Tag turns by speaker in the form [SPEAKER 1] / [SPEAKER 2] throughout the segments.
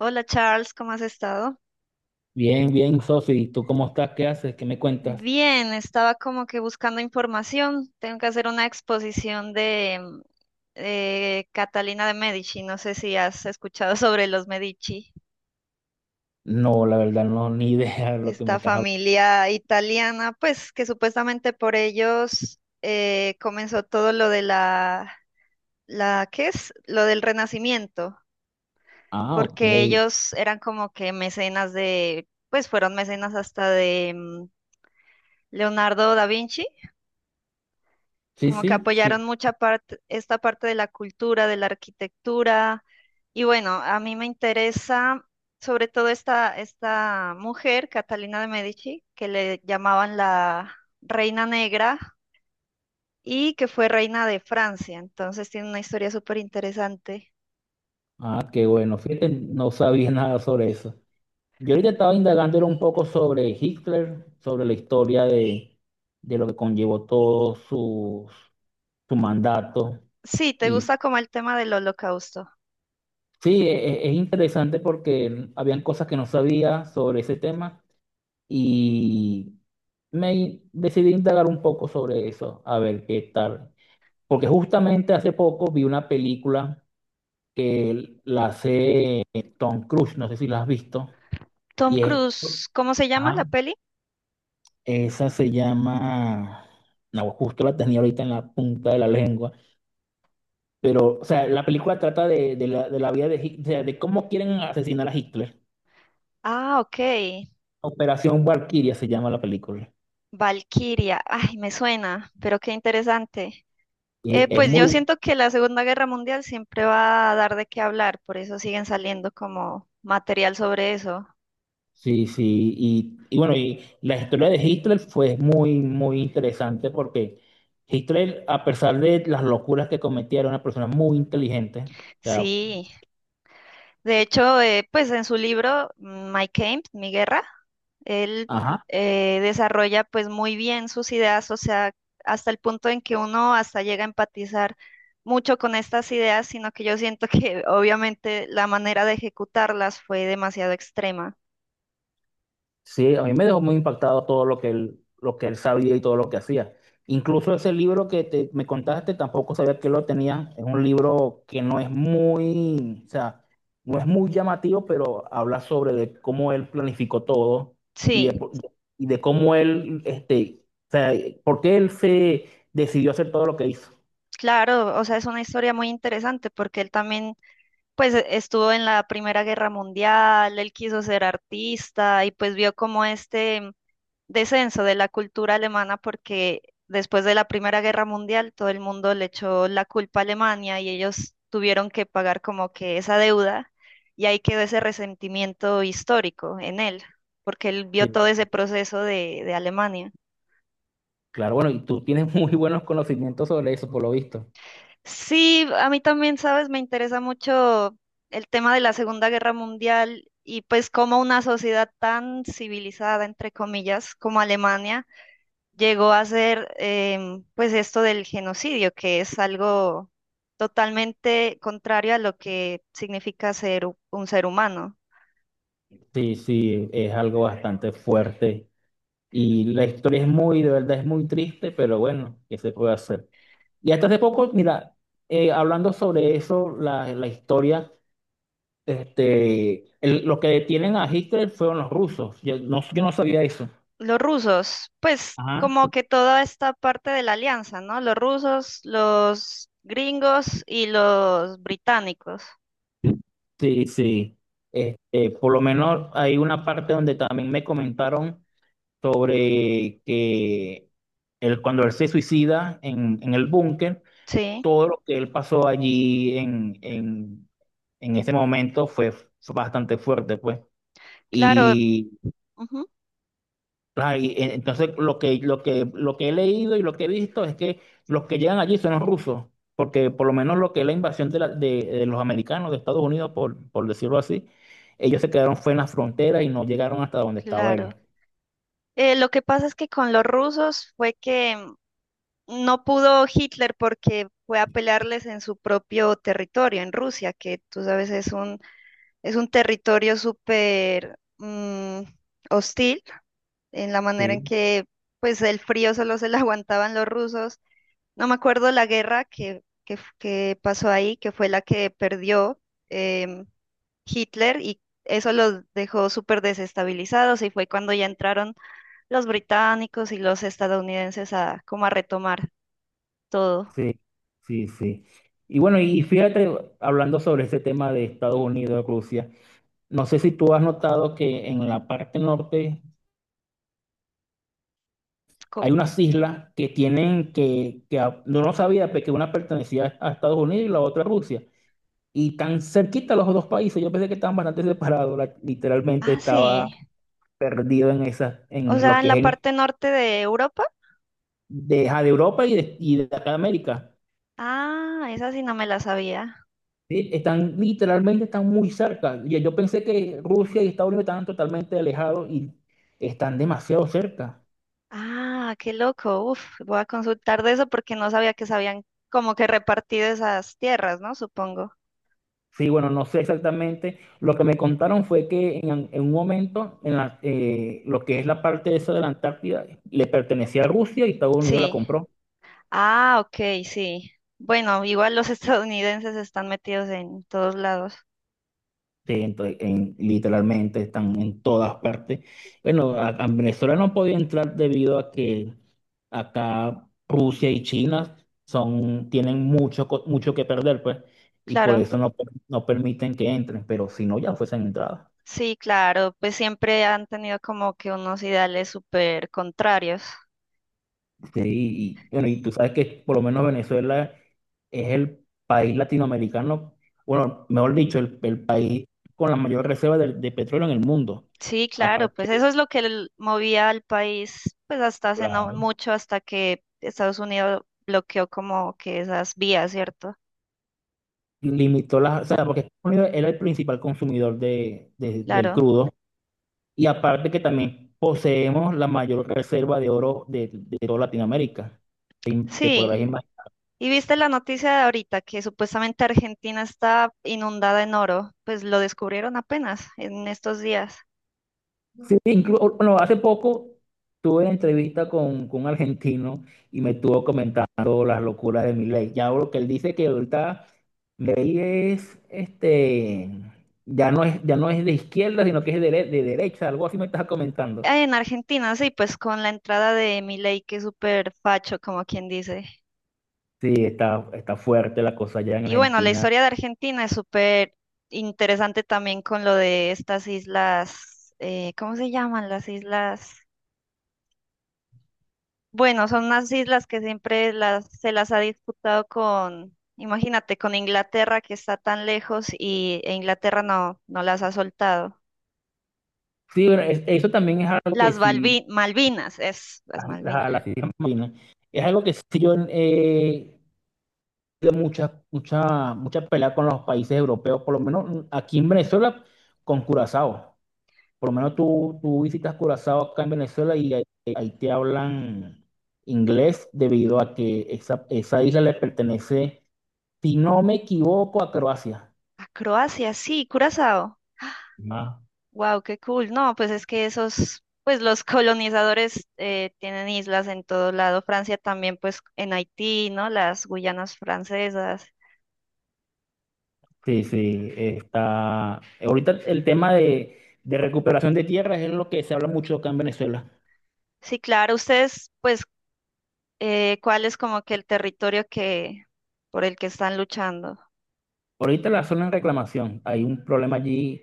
[SPEAKER 1] Hola Charles, ¿cómo has estado?
[SPEAKER 2] Bien, bien, Sofi. ¿Tú cómo estás? ¿Qué haces? ¿Qué me cuentas?
[SPEAKER 1] Bien, estaba como que buscando información. Tengo que hacer una exposición de Catalina de Medici. No sé si has escuchado sobre los Medici,
[SPEAKER 2] No, la verdad, no, ni idea de lo que me
[SPEAKER 1] esta
[SPEAKER 2] estás hablando.
[SPEAKER 1] familia italiana, pues que supuestamente por ellos comenzó todo lo de la, ¿qué es? Lo del Renacimiento,
[SPEAKER 2] Ah, ok.
[SPEAKER 1] porque ellos eran como que mecenas de, pues fueron mecenas hasta de Leonardo da Vinci,
[SPEAKER 2] Sí,
[SPEAKER 1] como que
[SPEAKER 2] sí, sí.
[SPEAKER 1] apoyaron mucha parte, esta parte de la cultura, de la arquitectura. Y bueno, a mí me interesa sobre todo esta mujer, Catalina de Medici, que le llamaban la Reina Negra y que fue reina de Francia. Entonces tiene una historia súper interesante.
[SPEAKER 2] Ah, qué bueno. Fíjate, no sabía nada sobre eso. Yo ahorita estaba indagando era un poco sobre Hitler, sobre la historia de lo que conllevó todo su mandato.
[SPEAKER 1] Sí, ¿te
[SPEAKER 2] Y
[SPEAKER 1] gusta como el tema del holocausto?
[SPEAKER 2] sí, es interesante porque habían cosas que no sabía sobre ese tema y me decidí indagar un poco sobre eso, a ver qué tal. Porque justamente hace poco vi una película que la hace Tom Cruise, no sé si la has visto,
[SPEAKER 1] Tom
[SPEAKER 2] y es,
[SPEAKER 1] Cruise, ¿cómo se llama
[SPEAKER 2] ajá,
[SPEAKER 1] la peli?
[SPEAKER 2] esa se llama, no, justo la tenía ahorita en la punta de la lengua, pero, o sea, la película trata de la vida de Hitler, o sea, de cómo quieren asesinar a Hitler.
[SPEAKER 1] Ah, ok.
[SPEAKER 2] Operación Valkyria se llama la película.
[SPEAKER 1] Valkyria. Ay, me suena, pero qué interesante.
[SPEAKER 2] Y es
[SPEAKER 1] Pues
[SPEAKER 2] muy.
[SPEAKER 1] yo siento que la Segunda Guerra Mundial siempre va a dar de qué hablar, por eso siguen saliendo como material sobre eso.
[SPEAKER 2] Sí, sí, y bueno, y la historia de Hitler fue muy, muy interesante porque Hitler, a pesar de las locuras que cometía, era una persona muy inteligente. O sea,
[SPEAKER 1] Sí, de hecho, pues en su libro My Camp, Mi Guerra, él
[SPEAKER 2] ajá,
[SPEAKER 1] desarrolla pues muy bien sus ideas, o sea, hasta el punto en que uno hasta llega a empatizar mucho con estas ideas, sino que yo siento que obviamente la manera de ejecutarlas fue demasiado extrema.
[SPEAKER 2] sí, a mí me dejó muy impactado todo lo que él sabía y todo lo que hacía. Incluso ese libro que me contaste, tampoco sabía que lo tenía. Es un libro que no es muy, o sea, no es muy llamativo, pero habla sobre de cómo él planificó todo y
[SPEAKER 1] Sí,
[SPEAKER 2] de, por- y de cómo él, este, o sea, por qué él se decidió hacer todo lo que hizo.
[SPEAKER 1] claro, o sea, es una historia muy interesante porque él también pues estuvo en la Primera Guerra Mundial, él quiso ser artista y pues vio como este descenso de la cultura alemana, porque después de la Primera Guerra Mundial todo el mundo le echó la culpa a Alemania y ellos tuvieron que pagar como que esa deuda, y ahí quedó ese resentimiento histórico en él, porque él vio
[SPEAKER 2] Sí,
[SPEAKER 1] todo ese proceso de Alemania.
[SPEAKER 2] claro, bueno, y tú tienes muy buenos conocimientos sobre eso, por lo visto.
[SPEAKER 1] Sí, a mí también, sabes, me interesa mucho el tema de la Segunda Guerra Mundial y pues cómo una sociedad tan civilizada, entre comillas, como Alemania, llegó a hacer pues esto del genocidio, que es algo totalmente contrario a lo que significa ser un ser humano.
[SPEAKER 2] Sí, sí, es algo bastante fuerte. Y la historia es muy, de verdad, es muy triste, pero bueno, ¿qué se puede hacer? Y hasta hace poco, mira, hablando sobre eso, la historia, este, lo que detienen a Hitler fueron los rusos. Yo no sabía eso.
[SPEAKER 1] Los rusos, pues
[SPEAKER 2] Ajá.
[SPEAKER 1] como que toda esta parte de la alianza, ¿no? Los rusos, los gringos y los británicos,
[SPEAKER 2] Sí, sí. Este, por lo menos hay una parte donde también me comentaron sobre que él, cuando él se suicida en el búnker,
[SPEAKER 1] sí.
[SPEAKER 2] todo lo que él pasó allí en ese momento fue bastante fuerte, pues.
[SPEAKER 1] Claro.
[SPEAKER 2] Y
[SPEAKER 1] Ujú,
[SPEAKER 2] ah, y, entonces lo lo que he leído y lo que he visto es que los que llegan allí son los rusos, porque por lo menos lo que es la invasión de los americanos de Estados Unidos, por decirlo así, ellos se quedaron fue en la frontera y no llegaron hasta donde estaba
[SPEAKER 1] claro.
[SPEAKER 2] él.
[SPEAKER 1] Lo que pasa es que con los rusos fue que no pudo Hitler porque fue a pelearles en su propio territorio, en Rusia, que tú sabes es es un territorio súper mm, hostil, en la manera en
[SPEAKER 2] Sí,
[SPEAKER 1] que pues el frío solo se lo aguantaban los rusos. No me acuerdo la guerra que pasó ahí, que fue la que perdió em, Hitler, y eso los dejó súper desestabilizados, y fue cuando ya entraron los británicos y los estadounidenses a como a retomar todo.
[SPEAKER 2] sí, sí. Y bueno, y fíjate, hablando sobre ese tema de Estados Unidos, Rusia. No sé si tú has notado que en la parte norte
[SPEAKER 1] Co-
[SPEAKER 2] hay unas islas que tienen que no lo sabía, pero que una pertenecía a Estados Unidos y la otra a Rusia. Y tan cerquita los dos países, yo pensé que estaban bastante separados, literalmente
[SPEAKER 1] ah, sí.
[SPEAKER 2] estaba perdido en esa,
[SPEAKER 1] O
[SPEAKER 2] en lo
[SPEAKER 1] sea, en
[SPEAKER 2] que es
[SPEAKER 1] la parte norte de Europa.
[SPEAKER 2] ajá, de Europa y de acá de América.
[SPEAKER 1] Ah, esa sí no me la sabía.
[SPEAKER 2] Sí, están literalmente están muy cerca. Yo pensé que Rusia y Estados Unidos estaban totalmente alejados y están demasiado cerca.
[SPEAKER 1] Ah, qué loco. Uf, voy a consultar de eso porque no sabía que se habían como que repartido esas tierras, ¿no? Supongo.
[SPEAKER 2] Sí, bueno, no sé exactamente. Lo que me contaron fue que en un momento, en la, lo que es la parte esa de la Antártida, le pertenecía a Rusia y Estados Unidos la
[SPEAKER 1] Sí.
[SPEAKER 2] compró.
[SPEAKER 1] Ah, ok, sí. Bueno, igual los estadounidenses están metidos en todos lados.
[SPEAKER 2] Sí, entonces, literalmente están en todas partes. Bueno, a Venezuela no podía entrar debido a que acá Rusia y China son, tienen mucho, mucho que perder, pues, y por
[SPEAKER 1] Claro,
[SPEAKER 2] eso no, no permiten que entren, pero si no, ya fuesen entradas.
[SPEAKER 1] sí, claro, pues siempre han tenido como que unos ideales súper contrarios.
[SPEAKER 2] Sí, y bueno, y tú sabes que por lo menos Venezuela es el país latinoamericano, bueno, mejor dicho, el país con la mayor reserva de petróleo en el mundo.
[SPEAKER 1] Sí, claro, pues
[SPEAKER 2] Aparte,
[SPEAKER 1] eso es lo que movía al país, pues hasta hace no
[SPEAKER 2] claro,
[SPEAKER 1] mucho, hasta que Estados Unidos bloqueó como que esas vías, ¿cierto?
[SPEAKER 2] limitó las, o sea, porque Estados Unidos era el principal consumidor del
[SPEAKER 1] Claro.
[SPEAKER 2] crudo, y aparte que también poseemos la mayor reserva de oro de toda Latinoamérica. Te
[SPEAKER 1] Sí.
[SPEAKER 2] podrás imaginar.
[SPEAKER 1] Y viste la noticia de ahorita que supuestamente Argentina está inundada en oro, pues lo descubrieron apenas en estos días.
[SPEAKER 2] Sí, bueno, hace poco tuve una entrevista con un argentino y me estuvo comentando las locuras de Milei. Ya lo que él dice que ahorita Milei es, este, ya no es de izquierda, sino que es de derecha, algo así me estás comentando.
[SPEAKER 1] Ah, en Argentina, sí, pues con la entrada de Milei, que es súper facho, como quien dice.
[SPEAKER 2] Sí, está, está fuerte la cosa allá en
[SPEAKER 1] Y bueno, la
[SPEAKER 2] Argentina.
[SPEAKER 1] historia de Argentina es súper interesante también con lo de estas islas, ¿cómo se llaman las islas? Bueno, son unas islas que siempre se las ha disputado con, imagínate, con Inglaterra que está tan lejos, y e Inglaterra no, no las ha soltado.
[SPEAKER 2] Sí, bueno, eso también es algo que
[SPEAKER 1] Las
[SPEAKER 2] sí,
[SPEAKER 1] Malvinas, es, las
[SPEAKER 2] a
[SPEAKER 1] Malvinas.
[SPEAKER 2] las Islas Malvinas, es algo que sí yo, habido mucha, mucha, mucha pelea con los países europeos, por lo menos aquí en Venezuela con Curazao. Por lo menos tú visitas Curazao acá en Venezuela y ahí te hablan inglés debido a que esa isla le pertenece, si no me equivoco, a Croacia.
[SPEAKER 1] A Croacia, sí, Curazao.
[SPEAKER 2] Ah,
[SPEAKER 1] Wow, qué cool. No, pues es que esos, pues los colonizadores tienen islas en todo lado. Francia también, pues en Haití, ¿no? Las Guyanas francesas.
[SPEAKER 2] sí, sí, está. Ahorita el tema de recuperación de tierras es lo que se habla mucho acá en Venezuela.
[SPEAKER 1] Sí, claro. Ustedes, pues, ¿cuál es como que el territorio que por el que están luchando?
[SPEAKER 2] Ahorita la zona en reclamación, hay un problema allí.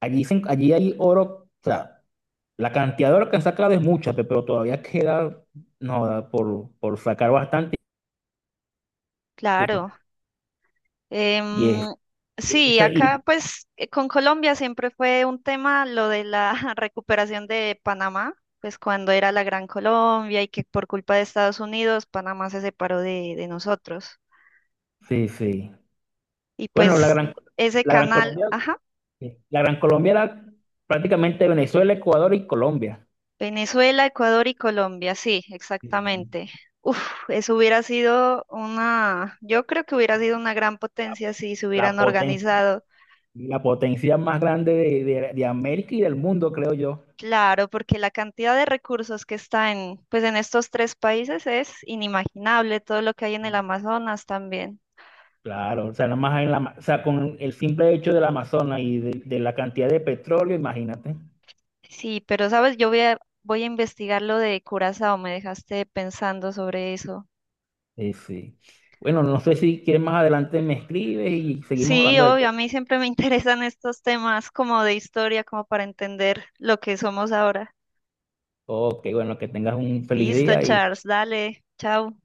[SPEAKER 2] Allí, allí hay oro, o sea, la cantidad de horas que han sacado es mucha, pero todavía queda no, da por sacar bastante.
[SPEAKER 1] Claro. Em,
[SPEAKER 2] Y es, e,
[SPEAKER 1] sí,
[SPEAKER 2] esa,
[SPEAKER 1] acá
[SPEAKER 2] y,
[SPEAKER 1] pues con Colombia siempre fue un tema lo de la recuperación de Panamá, pues cuando era la Gran Colombia y que por culpa de Estados Unidos Panamá se separó de nosotros.
[SPEAKER 2] sí, sí.
[SPEAKER 1] Y
[SPEAKER 2] Bueno,
[SPEAKER 1] pues ese
[SPEAKER 2] la gran
[SPEAKER 1] canal,
[SPEAKER 2] Colombia,
[SPEAKER 1] ajá,
[SPEAKER 2] sí, la gran Colombia era prácticamente Venezuela, Ecuador y Colombia.
[SPEAKER 1] Venezuela, Ecuador y Colombia, sí,
[SPEAKER 2] Sí.
[SPEAKER 1] exactamente. Uf, eso hubiera sido una, yo creo que hubiera sido una gran potencia si se
[SPEAKER 2] La
[SPEAKER 1] hubieran
[SPEAKER 2] potencia,
[SPEAKER 1] organizado.
[SPEAKER 2] la potencia más grande de, de América y del mundo, creo yo.
[SPEAKER 1] Claro, porque la cantidad de recursos que está en, pues en estos tres países es inimaginable, todo lo que hay en el Amazonas también.
[SPEAKER 2] Claro, o sea, nada más en la, o sea, con el simple hecho del Amazonas y de la cantidad de petróleo, imagínate.
[SPEAKER 1] Sí, pero sabes, voy a investigar lo de Curazao, me dejaste pensando sobre eso.
[SPEAKER 2] Sí, sí. Bueno, no sé si quieres más adelante me escribes y seguimos
[SPEAKER 1] Sí,
[SPEAKER 2] hablando del
[SPEAKER 1] obvio, a
[SPEAKER 2] tema.
[SPEAKER 1] mí siempre me interesan estos temas como de historia, como para entender lo que somos ahora.
[SPEAKER 2] Ok, bueno, que tengas un feliz
[SPEAKER 1] Listo,
[SPEAKER 2] día y...
[SPEAKER 1] Charles, dale, chao.